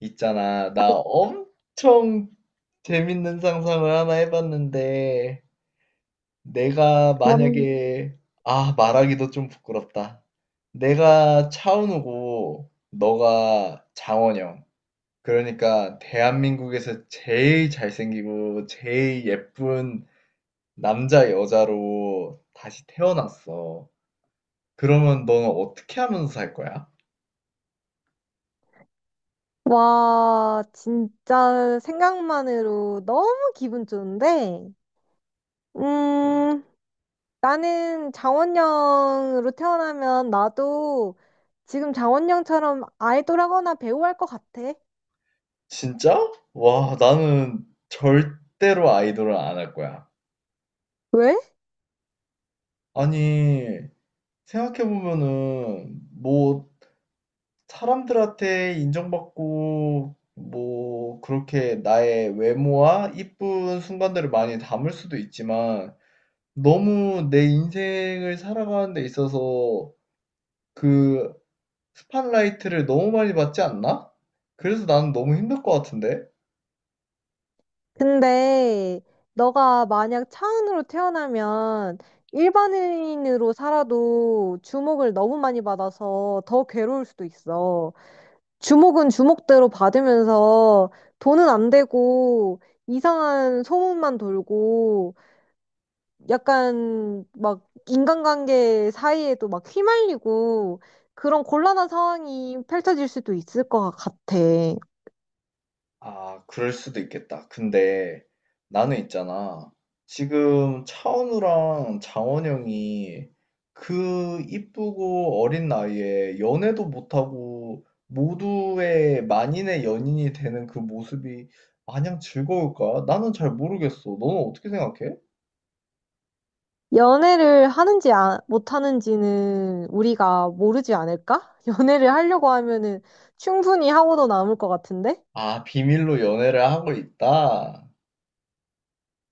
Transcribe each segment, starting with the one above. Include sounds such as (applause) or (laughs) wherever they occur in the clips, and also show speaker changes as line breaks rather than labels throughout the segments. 있잖아, 나 엄청 재밌는 상상을 하나 해봤는데, 내가
원-
만약에, 아, 말하기도 좀 부끄럽다. 내가 차은우고, 너가 장원영. 그러니까, 대한민국에서 제일 잘생기고, 제일 예쁜 남자, 여자로 다시 태어났어. 그러면 너는 어떻게 하면서 살 거야?
와, 진짜 생각만으로 너무 기분 좋은데, 음, 나는 장원영으로 태어나면 나도 지금 장원영처럼 아이돌하거나 배우 할 것 같아.
진짜? 와, 나는 절대로 아이돌을 안 할 거야.
왜?
아니, 생각해보면은, 뭐, 사람들한테 인정받고, 뭐, 그렇게 나의 외모와 이쁜 순간들을 많이 담을 수도 있지만, 너무 내 인생을 살아가는 데 있어서 그 스팟라이트를 너무 많이 받지 않나? 그래서 나는 너무 힘들 것 같은데?
근데 너가 만약 차은우로 태어나면 일반인으로 살아도 주목을 너무 많이 받아서 더 괴로울 수도 있어. 주목은 주목대로 받으면서 돈은 안 되고 이상한 소문만 돌고 약간 막 인간관계 사이에도 막 휘말리고 그런 곤란한 상황이 펼쳐질 수도 있을 것 같아.
아, 그럴 수도 있겠다. 근데 나는 있잖아. 지금 차은우랑 장원 영이 그 이쁘고 어린 나이에 연애도 못하고 모두의 만인의 연인이 되는 그 모습이 마냥 즐거울까? 나는 잘 모르겠어. 너는 어떻게 생각해?
연애를 하는지 못하는지는 우리가 모르지 않을까? (laughs) 연애를 하려고 하면은 충분히 하고도 남을 것 같은데?
아, 비밀로 연애를 하고 있다?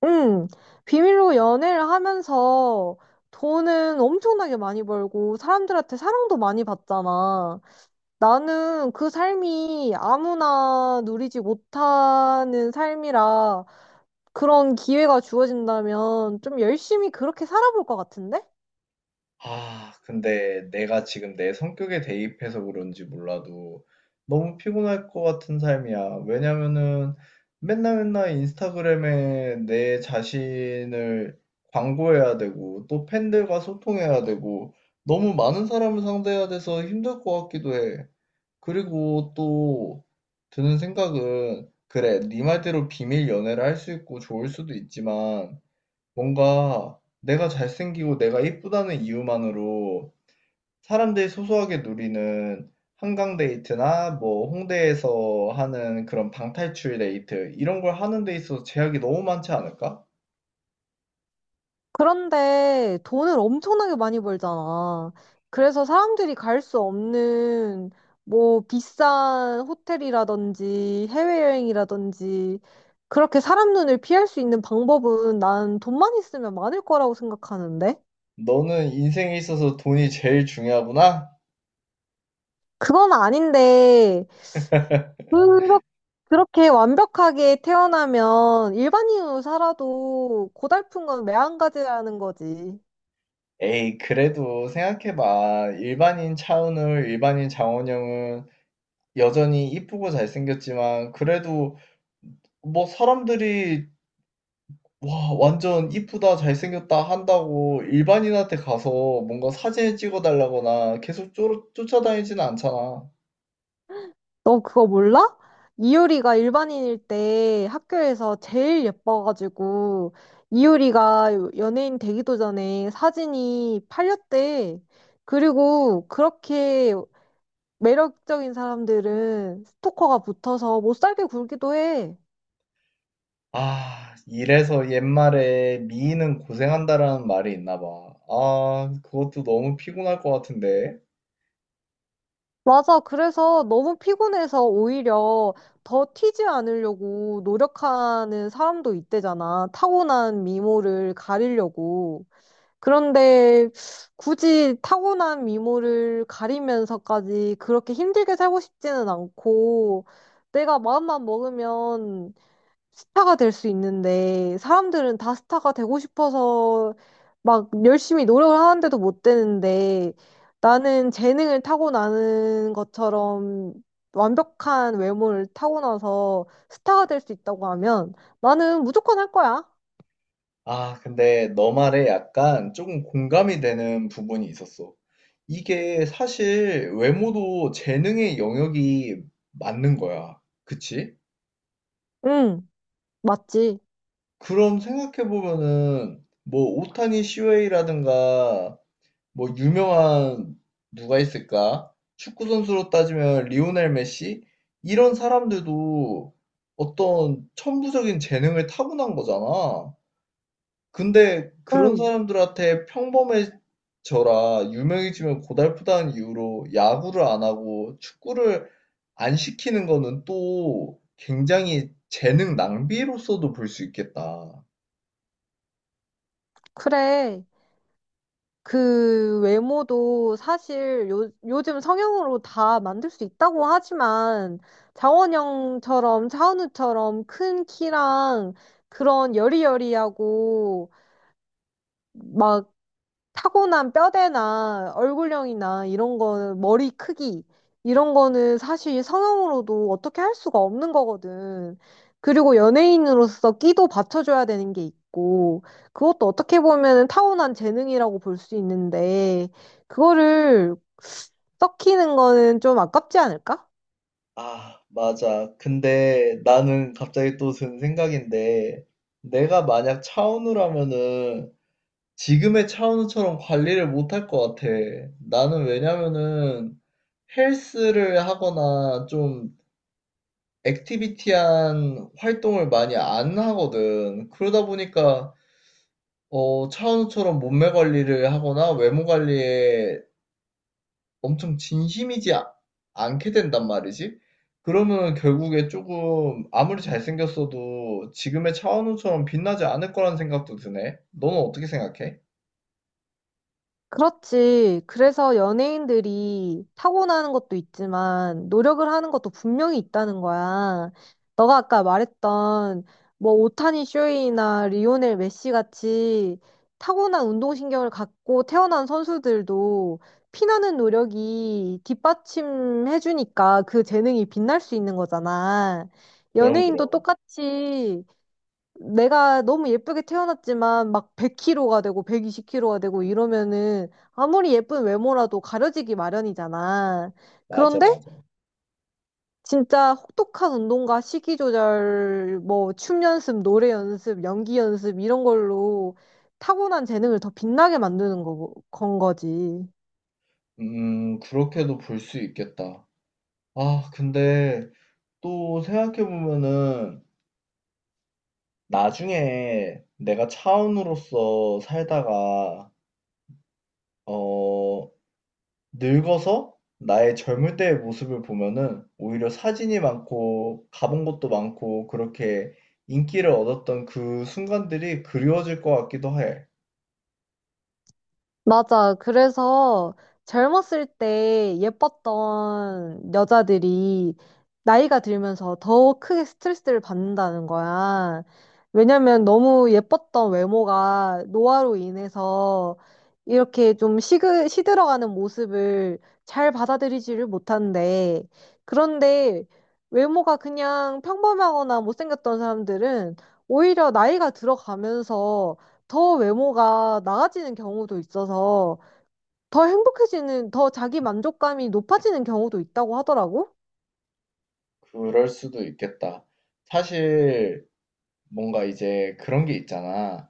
응, 비밀로 연애를 하면서 돈은 엄청나게 많이 벌고 사람들한테 사랑도 많이 받잖아. 나는 그 삶이 아무나 누리지 못하는 삶이라 그런 기회가 주어진다면 좀 열심히 그렇게 살아볼 것 같은데?
아, 근데 내가 지금 내 성격에 대입해서 그런지 몰라도 너무 피곤할 것 같은 삶이야. 왜냐면은 맨날 맨날 인스타그램에 내 자신을 광고해야 되고 또 팬들과 소통해야 되고 너무 많은 사람을 상대해야 돼서 힘들 것 같기도 해. 그리고 또 드는 생각은 그래, 네 말대로 비밀 연애를 할 수 있고 좋을 수도 있지만 뭔가 내가 잘생기고 내가 예쁘다는 이유만으로 사람들이 소소하게 누리는 한강 데이트나 뭐 홍대에서 하는 그런 방탈출 데이트 이런 걸 하는 데 있어서 제약이 너무 많지 않을까?
그런데 돈을 엄청나게 많이 벌잖아. 그래서 사람들이 갈 수 없는 뭐 비싼 호텔이라든지 해외여행이라든지 그렇게 사람 눈을 피할 수 있는 방법은 난 돈만 있으면 많을 거라고 생각하는데?
너는 인생에 있어서 돈이 제일 중요하구나?
그건 아닌데, 그렇- 그렇게 완벽하게 태어나면 일반인으로 살아도 고달픈 건 매한가지라는 거지.
에이, 그래도 생각해봐. 일반인 차은우, 일반인 장원영은 여전히 이쁘고 잘생겼지만 그래도 뭐 사람들이 와, 완전 이쁘다, 잘생겼다 한다고 일반인한테 가서 뭔가 사진을 찍어달라거나 계속 쫓아다니지는 않잖아.
너 그거 몰라? 이효리가 일반인일 때 학교에서 제일 예뻐가지고 이효리가 연예인 되기도 전에 사진이 팔렸대. 그리고 그렇게 매력적인 사람들은 스토커가 붙어서 못 살게 굴기도 해.
아, 이래서 옛말에 미인은 고생한다라는 말이 있나 봐. 아, 그것도 너무 피곤할 것 같은데.
맞아. 그래서 너무 피곤해서 오히려 더 튀지 않으려고 노력하는 사람도 있대잖아. 타고난 미모를 가리려고. 그런데 굳이 타고난 미모를 가리면서까지 그렇게 힘들게 살고 싶지는 않고 내가 마음만 먹으면 스타가 될 수 있는데 사람들은 다 스타가 되고 싶어서 막 열심히 노력을 하는데도 못 되는데 나는 재능을 타고나는 것처럼 완벽한 외모를 타고나서 스타가 될 수 있다고 하면 나는 무조건 할 거야.
아, 근데 너 말에 약간 조금 공감이 되는 부분이 있었어. 이게 사실 외모도 재능의 영역이 맞는 거야. 그치?
응, 맞지.
그럼 생각해 보면은 뭐 오타니 시웨이라든가 뭐 유명한 누가 있을까? 축구 선수로 따지면 리오넬 메시 이런 사람들도 어떤 천부적인 재능을 타고난 거잖아. 근데 그런
응,
사람들한테 평범해져라, 유명해지면 고달프다는 이유로 야구를 안 하고 축구를 안 시키는 거는 또 굉장히 재능 낭비로서도 볼 수 있겠다.
그래. 그 외모도 사실 요즘 성형으로 다 만들 수 있다고 하지만 장원영처럼 차은우처럼 큰 키랑 그런 여리여리하고 막 타고난 뼈대나 얼굴형이나 이런 거는 머리 크기 이런 거는 사실 성형으로도 어떻게 할 수가 없는 거거든. 그리고 연예인으로서 끼도 받쳐줘야 되는 게 있고 그것도 어떻게 보면 타고난 재능이라고 볼 수 있는데 그거를 썩히는 거는 좀 아깝지 않을까?
아, 맞아. 근데 나는 갑자기 또 든 생각인데, 내가 만약 차은우라면은 지금의 차은우처럼 관리를 못할 것 같아. 나는 왜냐면은 헬스를 하거나 좀 액티비티한 활동을 많이 안 하거든. 그러다 보니까 어, 차은우처럼 몸매 관리를 하거나 외모 관리에 엄청 진심이지 않게 된단 말이지. 그러면 결국에 조금 아무리 잘생겼어도 지금의 차은우처럼 빛나지 않을 거란 생각도 드네. 너는 어떻게 생각해?
그렇지. 그래서 연예인들이 타고나는 것도 있지만 노력을 하는 것도 분명히 있다는 거야. 너가 아까 말했던 뭐 오타니 쇼헤이나 리오넬 메시 같이 타고난 운동신경을 갖고 태어난 선수들도 피나는 노력이 뒷받침해주니까 그 재능이 빛날 수 있는 거잖아.
그럼,
연예인도
그럼.
똑같이 내가 너무 예쁘게 태어났지만 막 100kg가 되고 120kg가 되고 이러면은 아무리 예쁜 외모라도 가려지기 마련이잖아.
맞아,
그런데
맞아.
진짜 혹독한 운동과 식이 조절, 뭐 춤 연습, 노래 연습, 연기 연습 이런 걸로 타고난 재능을 더 빛나게 만드는 건 거지.
그렇게도 볼 수 있겠다. 아, 근데 또 생각해보면은 나중에 내가 차은우로서 살다가, 어, 늙어서 나의 젊을 때의 모습을 보면은 오히려 사진이 많고 가본 곳도 많고 그렇게 인기를 얻었던 그 순간들이 그리워질 것 같기도 해.
맞아. 그래서 젊었을 때 예뻤던 여자들이 나이가 들면서 더 크게 스트레스를 받는다는 거야. 왜냐면 너무 예뻤던 외모가 노화로 인해서 이렇게 좀 시들어가는 모습을 잘 받아들이지를 못한대. 그런데 외모가 그냥 평범하거나 못생겼던 사람들은 오히려 나이가 들어가면서 더 외모가 나아지는 경우도 있어서 더 행복해지는, 더 자기 만족감이 높아지는 경우도 있다고 하더라고.
그럴 수도 있겠다. 사실 뭔가 이제 그런 게 있잖아.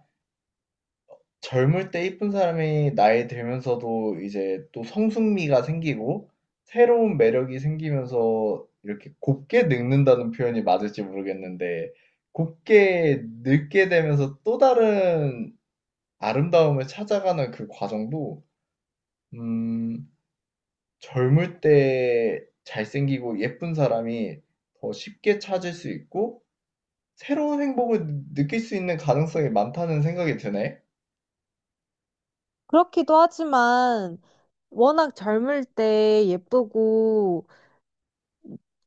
젊을 때 이쁜 사람이 나이 들면서도 이제 또 성숙미가 생기고 새로운 매력이 생기면서 이렇게 곱게 늙는다는 표현이 맞을지 모르겠는데 곱게 늙게 되면서 또 다른 아름다움을 찾아가는 그 과정도 음 젊을 때 잘생기고 예쁜 사람이 더 쉽게 찾을 수 있고 새로운 행복을 느낄 수 있는 가능성이 많다는 생각이 드네.
그렇기도 하지만 워낙 젊을 때 예쁘고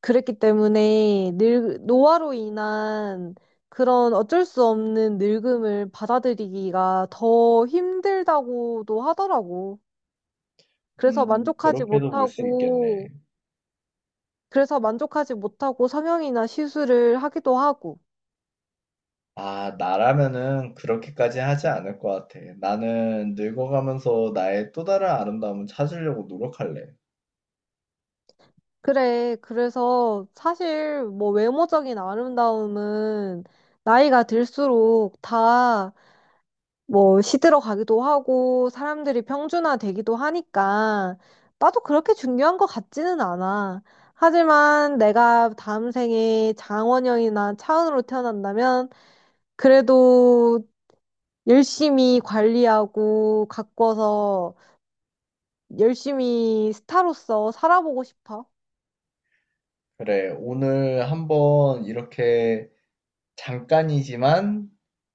그랬기 때문에 노화로 인한 그런 어쩔 수 없는 늙음을 받아들이기가 더 힘들다고도 하더라고. 그래서 만족하지
그렇게도 볼 수 있겠네.
못하고, 그래서 만족하지 못하고 성형이나 시술을 하기도 하고.
아, 나라면은 그렇게까지 하지 않을 것 같아. 나는 늙어가면서 나의 또 다른 아름다움을 찾으려고 노력할래.
그래. 그래서 사실 뭐 외모적인 아름다움은 나이가 들수록 다 뭐 시들어 가기도 하고 사람들이 평준화 되기도 하니까 나도 그렇게 중요한 것 같지는 않아. 하지만 내가 다음 생에 장원영이나 차은우로 태어난다면 그래도 열심히 관리하고 가꿔서 열심히 스타로서 살아보고 싶어.
그래, 오늘 한번 이렇게 잠깐이지만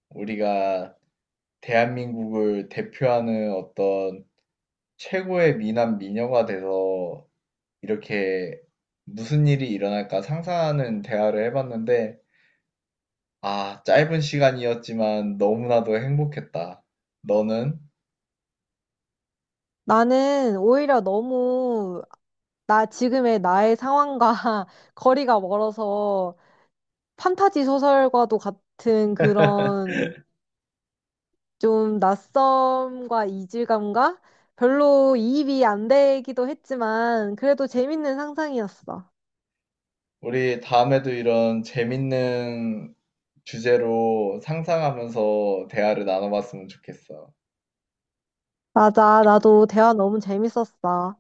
우리가 대한민국을 대표하는 어떤 최고의 미남 미녀가 돼서 이렇게 무슨 일이 일어날까 상상하는 대화를 해봤는데, 아, 짧은 시간이었지만 너무나도 행복했다. 너는?
나는 오히려 너무 나 지금의 나의 상황과 (laughs) 거리가 멀어서 판타지 소설과도 같은 그런 좀 낯섦과 이질감과 별로 이입이 안 되기도 했지만 그래도 재밌는 상상이었어.
우리 다음에도 이런 재밌는 주제로 상상하면서 대화를 나눠봤으면 좋겠어.
맞아, 나도 대화 너무 재밌었어.